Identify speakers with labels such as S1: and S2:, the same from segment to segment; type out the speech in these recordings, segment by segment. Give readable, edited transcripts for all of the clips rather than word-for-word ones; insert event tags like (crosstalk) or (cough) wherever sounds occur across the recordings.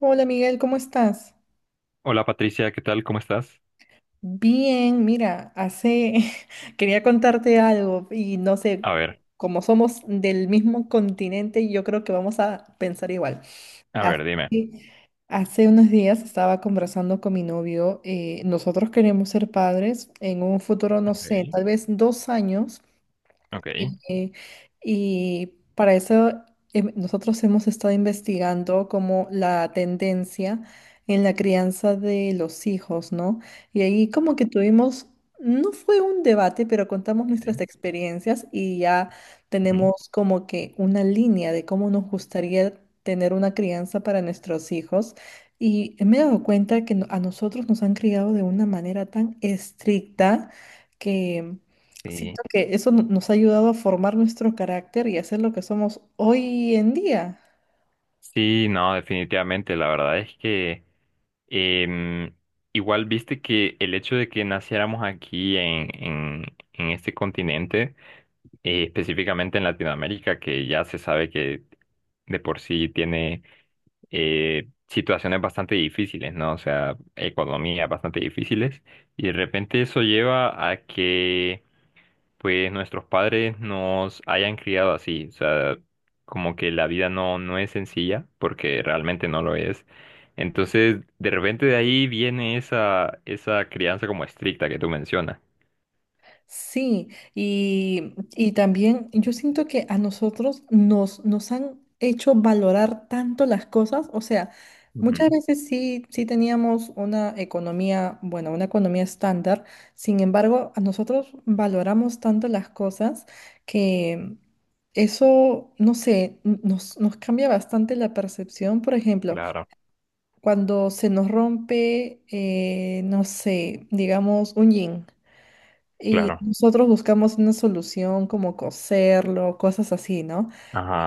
S1: Hola Miguel, ¿cómo estás?
S2: Hola Patricia, ¿qué tal? ¿Cómo estás?
S1: Bien, mira, hace (laughs) quería contarte algo y no sé,
S2: A ver,
S1: como somos del mismo continente, yo creo que vamos a pensar igual.
S2: a
S1: Hace,
S2: ver, dime.
S1: hace unos días estaba conversando con mi novio, nosotros queremos ser padres en un futuro, no sé,
S2: Okay,
S1: tal vez dos años.
S2: okay,
S1: Y, y para eso nosotros hemos estado investigando como la tendencia en la crianza de los hijos, ¿no? Y ahí como que tuvimos, no fue un debate, pero contamos
S2: ok,
S1: nuestras experiencias y ya
S2: ujú.
S1: tenemos como que una línea de cómo nos gustaría tener una crianza para nuestros hijos. Y me he dado cuenta que a nosotros nos han criado de una manera tan estricta.
S2: Sí.
S1: Siento que eso nos ha ayudado a formar nuestro carácter y a ser lo que somos hoy en día.
S2: Sí, no, definitivamente. La verdad es que em, igual viste que el hecho de que naciéramos aquí en en este continente específicamente en Latinoamérica, que ya se sabe que de por sí tiene situaciones bastante difíciles, ¿no? O sea, economías bastante difíciles, y de repente eso lleva a que, pues, nuestros padres nos hayan criado así, o sea, como que la vida no es sencilla, porque realmente no lo es. Entonces, de repente de ahí viene esa crianza como estricta que tú mencionas.
S1: Sí, y también yo siento que a nosotros nos han hecho valorar tanto las cosas. O sea, muchas
S2: Ujú.
S1: veces sí teníamos una economía, bueno, una economía estándar. Sin embargo, a nosotros valoramos tanto las cosas que eso, no sé, nos cambia bastante la percepción. Por ejemplo,
S2: Claro,
S1: cuando se nos rompe, no sé, digamos, un yin. Y
S2: claro.
S1: nosotros buscamos una solución como coserlo, cosas así, ¿no?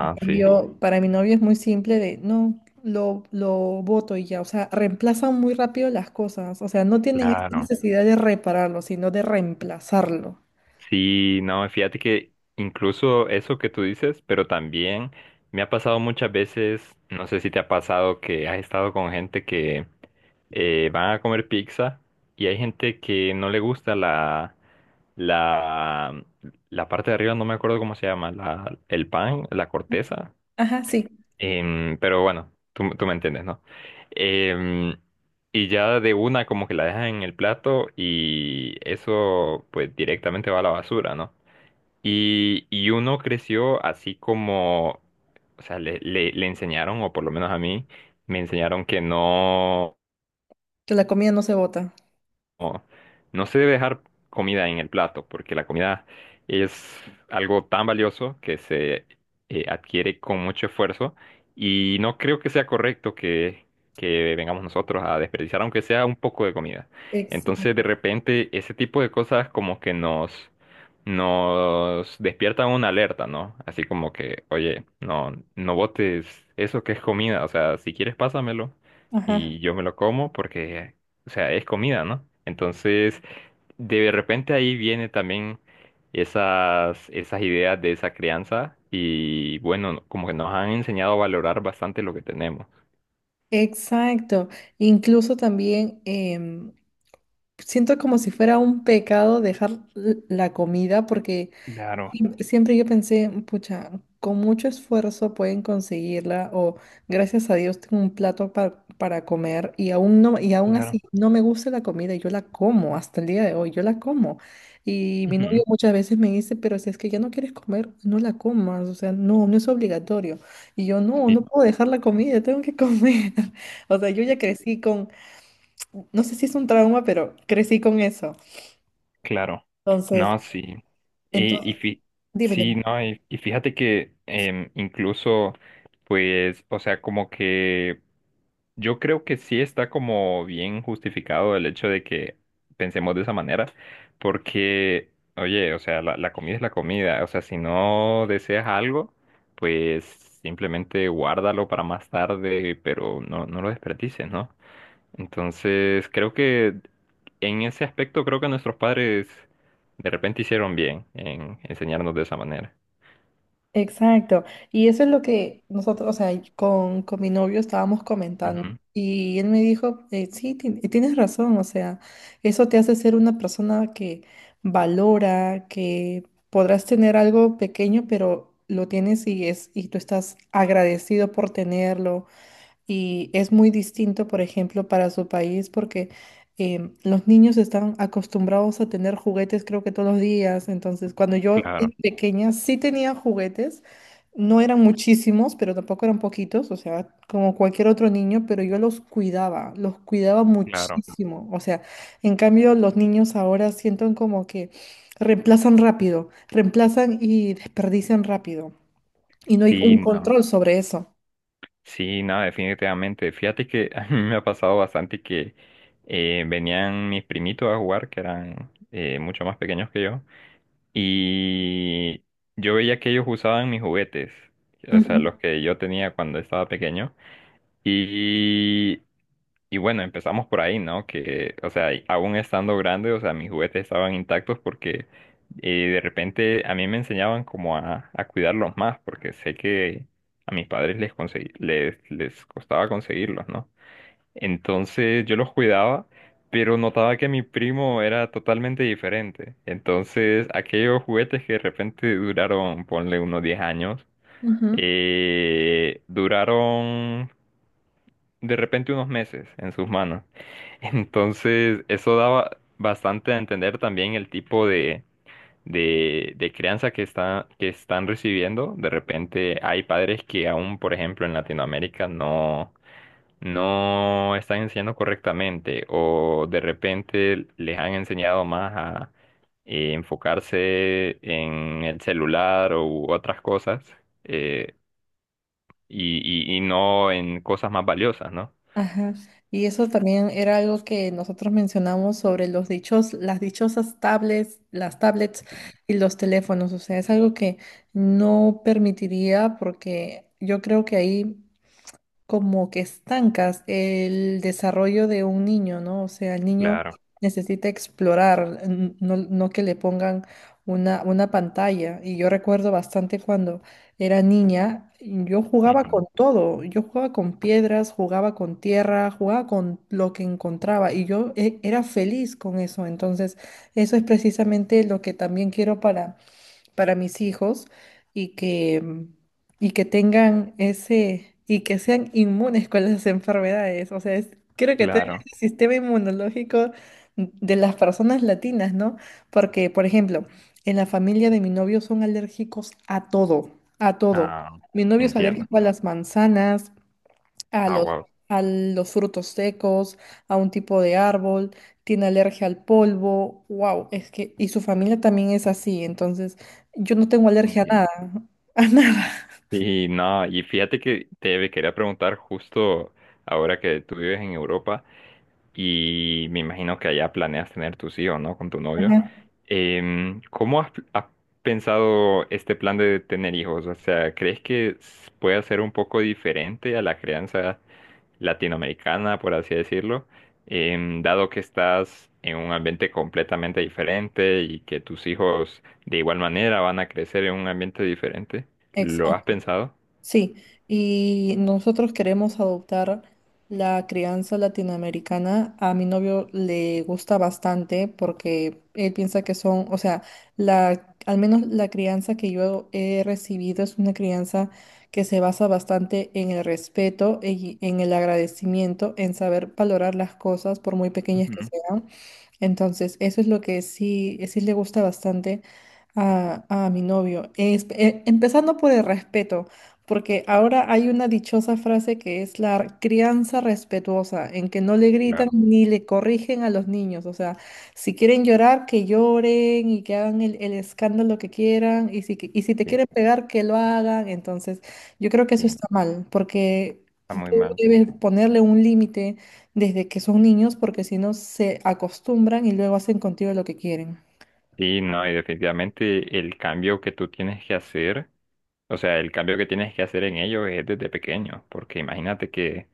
S1: En
S2: sí.
S1: cambio, para mi novio es muy simple de, no, lo boto y ya, o sea, reemplazan muy rápido las cosas, o sea, no tienen esta
S2: Claro,
S1: necesidad de repararlo, sino de reemplazarlo.
S2: sí, no, fíjate que incluso eso que tú dices, pero también me ha pasado muchas veces, no sé si te ha pasado que has estado con gente que van a comer pizza y hay gente que no le gusta la, la parte de arriba, no me acuerdo cómo se llama, la, el pan, la corteza.
S1: Ajá, sí,
S2: Pero bueno, tú me entiendes, ¿no? Em, y ya de una como que la dejan en el plato y eso pues directamente va a la basura, ¿no? Y uno creció así como, o sea, le enseñaron, o por lo menos a mí, me enseñaron que
S1: que la comida no se bota.
S2: no, no se debe dejar comida en el plato, porque la comida es algo tan valioso que se adquiere con mucho esfuerzo y no creo que sea correcto que vengamos nosotros a desperdiciar, aunque sea un poco de comida. Entonces, de
S1: Exacto.
S2: repente, ese tipo de cosas como que nos despiertan una alerta, ¿no? Así como que, oye, no, no botes eso que es comida, o sea, si quieres pásamelo
S1: Ajá.
S2: y yo me lo como porque, o sea, es comida, ¿no? Entonces, de repente ahí viene también esas ideas de esa crianza y bueno, como que nos han enseñado a valorar bastante lo que tenemos.
S1: Exacto. Incluso también siento como si fuera un pecado dejar la comida porque
S2: Claro,
S1: siempre yo pensé, pucha, con mucho esfuerzo pueden conseguirla o gracias a Dios tengo un plato para comer y aún
S2: claro.
S1: así no me gusta la comida y yo la como hasta el día de hoy, yo la como. Y mi novio
S2: Ujú.
S1: muchas veces me dice, pero si es que ya no quieres comer, no la comas, o sea, no, no es obligatorio. Y yo, no,
S2: Sí,
S1: no puedo dejar la comida, tengo que comer. (laughs) O sea, yo ya
S2: sí,
S1: crecí con, no sé si es un trauma, pero crecí con eso.
S2: claro.
S1: Entonces,
S2: No, sí.
S1: entonces,
S2: Y, y fi-
S1: dime,
S2: sí,
S1: dime.
S2: no, y fíjate que incluso, pues, o sea, como que yo creo que sí está como bien justificado el hecho de que pensemos de esa manera, porque, oye, o sea, la comida es la comida, o sea, si no deseas algo, pues simplemente guárdalo para más tarde, pero no, no lo desperdicies, ¿no? Entonces, creo que en ese aspecto, creo que nuestros padres de repente hicieron bien en enseñarnos de esa manera.
S1: Exacto. Y eso es lo que nosotros, o sea, y con mi novio estábamos comentando.
S2: Ujú.
S1: Y él me dijo, sí, tienes razón, o sea, eso te hace ser una persona que valora, que podrás tener algo pequeño, pero lo tienes y es, y tú estás agradecido por tenerlo. Y es muy distinto, por ejemplo, para su país porque los niños están acostumbrados a tener juguetes creo que todos los días. Entonces, cuando yo era
S2: Claro,
S1: pequeña sí tenía juguetes, no eran muchísimos, pero tampoco eran poquitos, o sea, como cualquier otro niño, pero yo los cuidaba
S2: claro.
S1: muchísimo. O sea, en cambio los niños ahora sienten como que reemplazan rápido, reemplazan y desperdician rápido. Y no hay
S2: Sí,
S1: un
S2: no.
S1: control sobre eso.
S2: Sí, nada definitivamente. Fíjate que (laughs) a mí me ha pasado bastante que venían mis primitos a jugar, que eran mucho más pequeños que yo, y yo veía que ellos usaban mis juguetes, o sea,
S1: Ujú,
S2: los que yo tenía cuando estaba pequeño, y y bueno, empezamos por ahí, ¿no? Que, o sea, y aún estando grande, o sea, mis juguetes estaban intactos porque de repente a mí me enseñaban como a cuidarlos más, porque sé que a mis padres les costaba conseguirlos, ¿no? Entonces yo los cuidaba, pero notaba que mi primo era totalmente diferente. Entonces aquellos juguetes que de repente duraron, ponle unos 10 años,
S1: ujú.
S2: duraron de repente unos meses en sus manos. Entonces, eso daba bastante a entender también el tipo de crianza que que están recibiendo. De repente hay padres que aún, por ejemplo, en Latinoamérica no están enseñando correctamente o de repente les han enseñado más a enfocarse en el celular u otras cosas eh, y no en cosas más valiosas, ¿no?
S1: Ajá. Y eso también era algo que nosotros mencionamos sobre los dichos, las dichosas tablets, las tablets y los teléfonos. O sea, es algo que no permitiría porque yo creo que ahí como que estancas el desarrollo de un niño, ¿no? O sea, el niño
S2: Claro,
S1: necesita explorar, no que le pongan una pantalla. Y yo recuerdo bastante cuando era niña, yo jugaba
S2: ujú,
S1: con todo, yo jugaba con piedras, jugaba con tierra, jugaba con lo que encontraba y yo era feliz con eso. Entonces, eso es precisamente lo que también quiero para mis hijos y que, y que tengan ese, y que sean inmunes con las enfermedades. O sea, creo que también
S2: claro.
S1: es el sistema inmunológico de las personas latinas, ¿no? Porque, por ejemplo, en la familia de mi novio son alérgicos a todo, a todo.
S2: Ah,
S1: Mi novio es
S2: entiendo.
S1: alérgico a las manzanas, a
S2: Ah,
S1: los,
S2: wow,
S1: a los frutos secos, a un tipo de árbol, tiene alergia al polvo, wow, es que, y su familia también es así, entonces yo no tengo alergia a
S2: entiendo.
S1: nada, (laughs) a nada.
S2: Y no, y fíjate que te quería preguntar justo ahora que tú vives en Europa y me imagino que allá planeas tener tus hijos, ¿no? Con tu
S1: Ajá,
S2: novio. ¿Cómo has pensado este plan de tener hijos? O sea, ¿crees que s- pueda ser un poco diferente a la crianza latinoamericana, por así decirlo, dado que estás en un ambiente completamente diferente y que tus hijos de igual manera van a crecer en un ambiente diferente? ¿Lo
S1: exacto.
S2: has pensado?
S1: Sí, y nosotros queremos adoptar la crianza latinoamericana. A mi novio le gusta bastante porque él piensa que son, o sea, la, al menos la crianza que yo he recibido es una crianza que se basa bastante en el respeto y en el agradecimiento, en saber valorar las cosas por muy pequeñas que
S2: Ujú.
S1: sean. Entonces, eso es lo que sí, sí le gusta bastante a mi novio. Empezando por el respeto, porque ahora hay una dichosa frase que es la crianza respetuosa, en que no le gritan
S2: Claro.
S1: ni le corrigen a los niños. O sea, si quieren llorar, que lloren y que hagan el escándalo que quieran. Y si te
S2: Sí,
S1: quieren pegar, que lo hagan. Entonces, yo creo que
S2: sí,
S1: eso está mal, porque
S2: está muy
S1: tú
S2: mal, sí.
S1: debes ponerle un límite desde que son niños porque si no se acostumbran y luego hacen contigo lo que quieren.
S2: Sí, no, y definitivamente el cambio que tú tienes que hacer, o sea, el cambio que tienes que hacer en ellos es desde pequeño, porque imagínate que,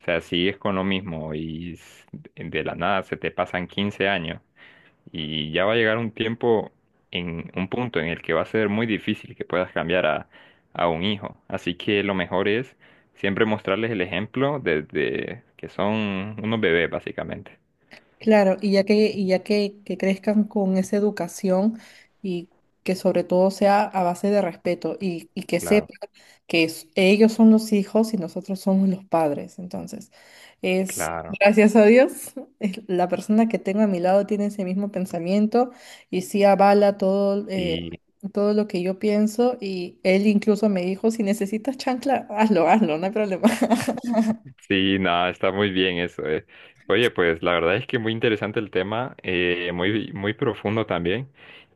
S2: o sea, sigues con lo mismo y s- de la nada se te pasan 15 años. Y ya va a llegar un tiempo, en un punto en el que va a ser muy difícil que puedas cambiar a un hijo. Así que lo mejor es siempre mostrarles el ejemplo desde que son unos bebés, básicamente.
S1: Claro, y ya que crezcan con esa educación y que sobre todo sea a base de respeto y que
S2: Claro,
S1: sepan que ellos son los hijos y nosotros somos los padres. Entonces, es
S2: claro.
S1: gracias a Dios, (laughs) la persona que tengo a mi lado tiene ese mismo pensamiento y sí avala todo,
S2: Sí,
S1: todo lo que yo pienso y él incluso me dijo, si necesitas chancla, hazlo, hazlo, no hay problema. (laughs)
S2: sí, nada, está muy bien eso. Eh, oye, pues la verdad es que muy interesante el tema, muy profundo también.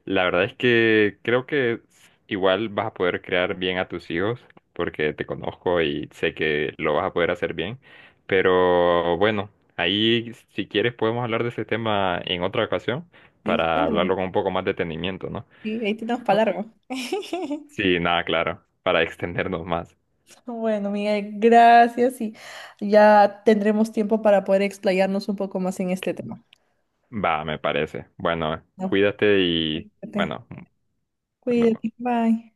S2: La verdad es que creo que igual vas a poder crear bien a tus hijos, porque te conozco y sé que lo vas a poder hacer bien. Pero bueno, ahí si quieres podemos hablar de ese tema en otra ocasión
S1: Sí,
S2: para
S1: claro,
S2: hablarlo con un poco más detenimiento, ¿no?
S1: sí, ahí tenemos para largo. (laughs)
S2: Sí, nada, claro, para (laughs) extendernos más.
S1: Bueno, Miguel, gracias y ya tendremos tiempo para poder explayarnos un poco más en este tema.
S2: Va, me parece. Bueno,
S1: ¿No?
S2: cuídate y
S1: Cuídate,
S2: bueno, nos
S1: cuídate,
S2: vemos.
S1: bye.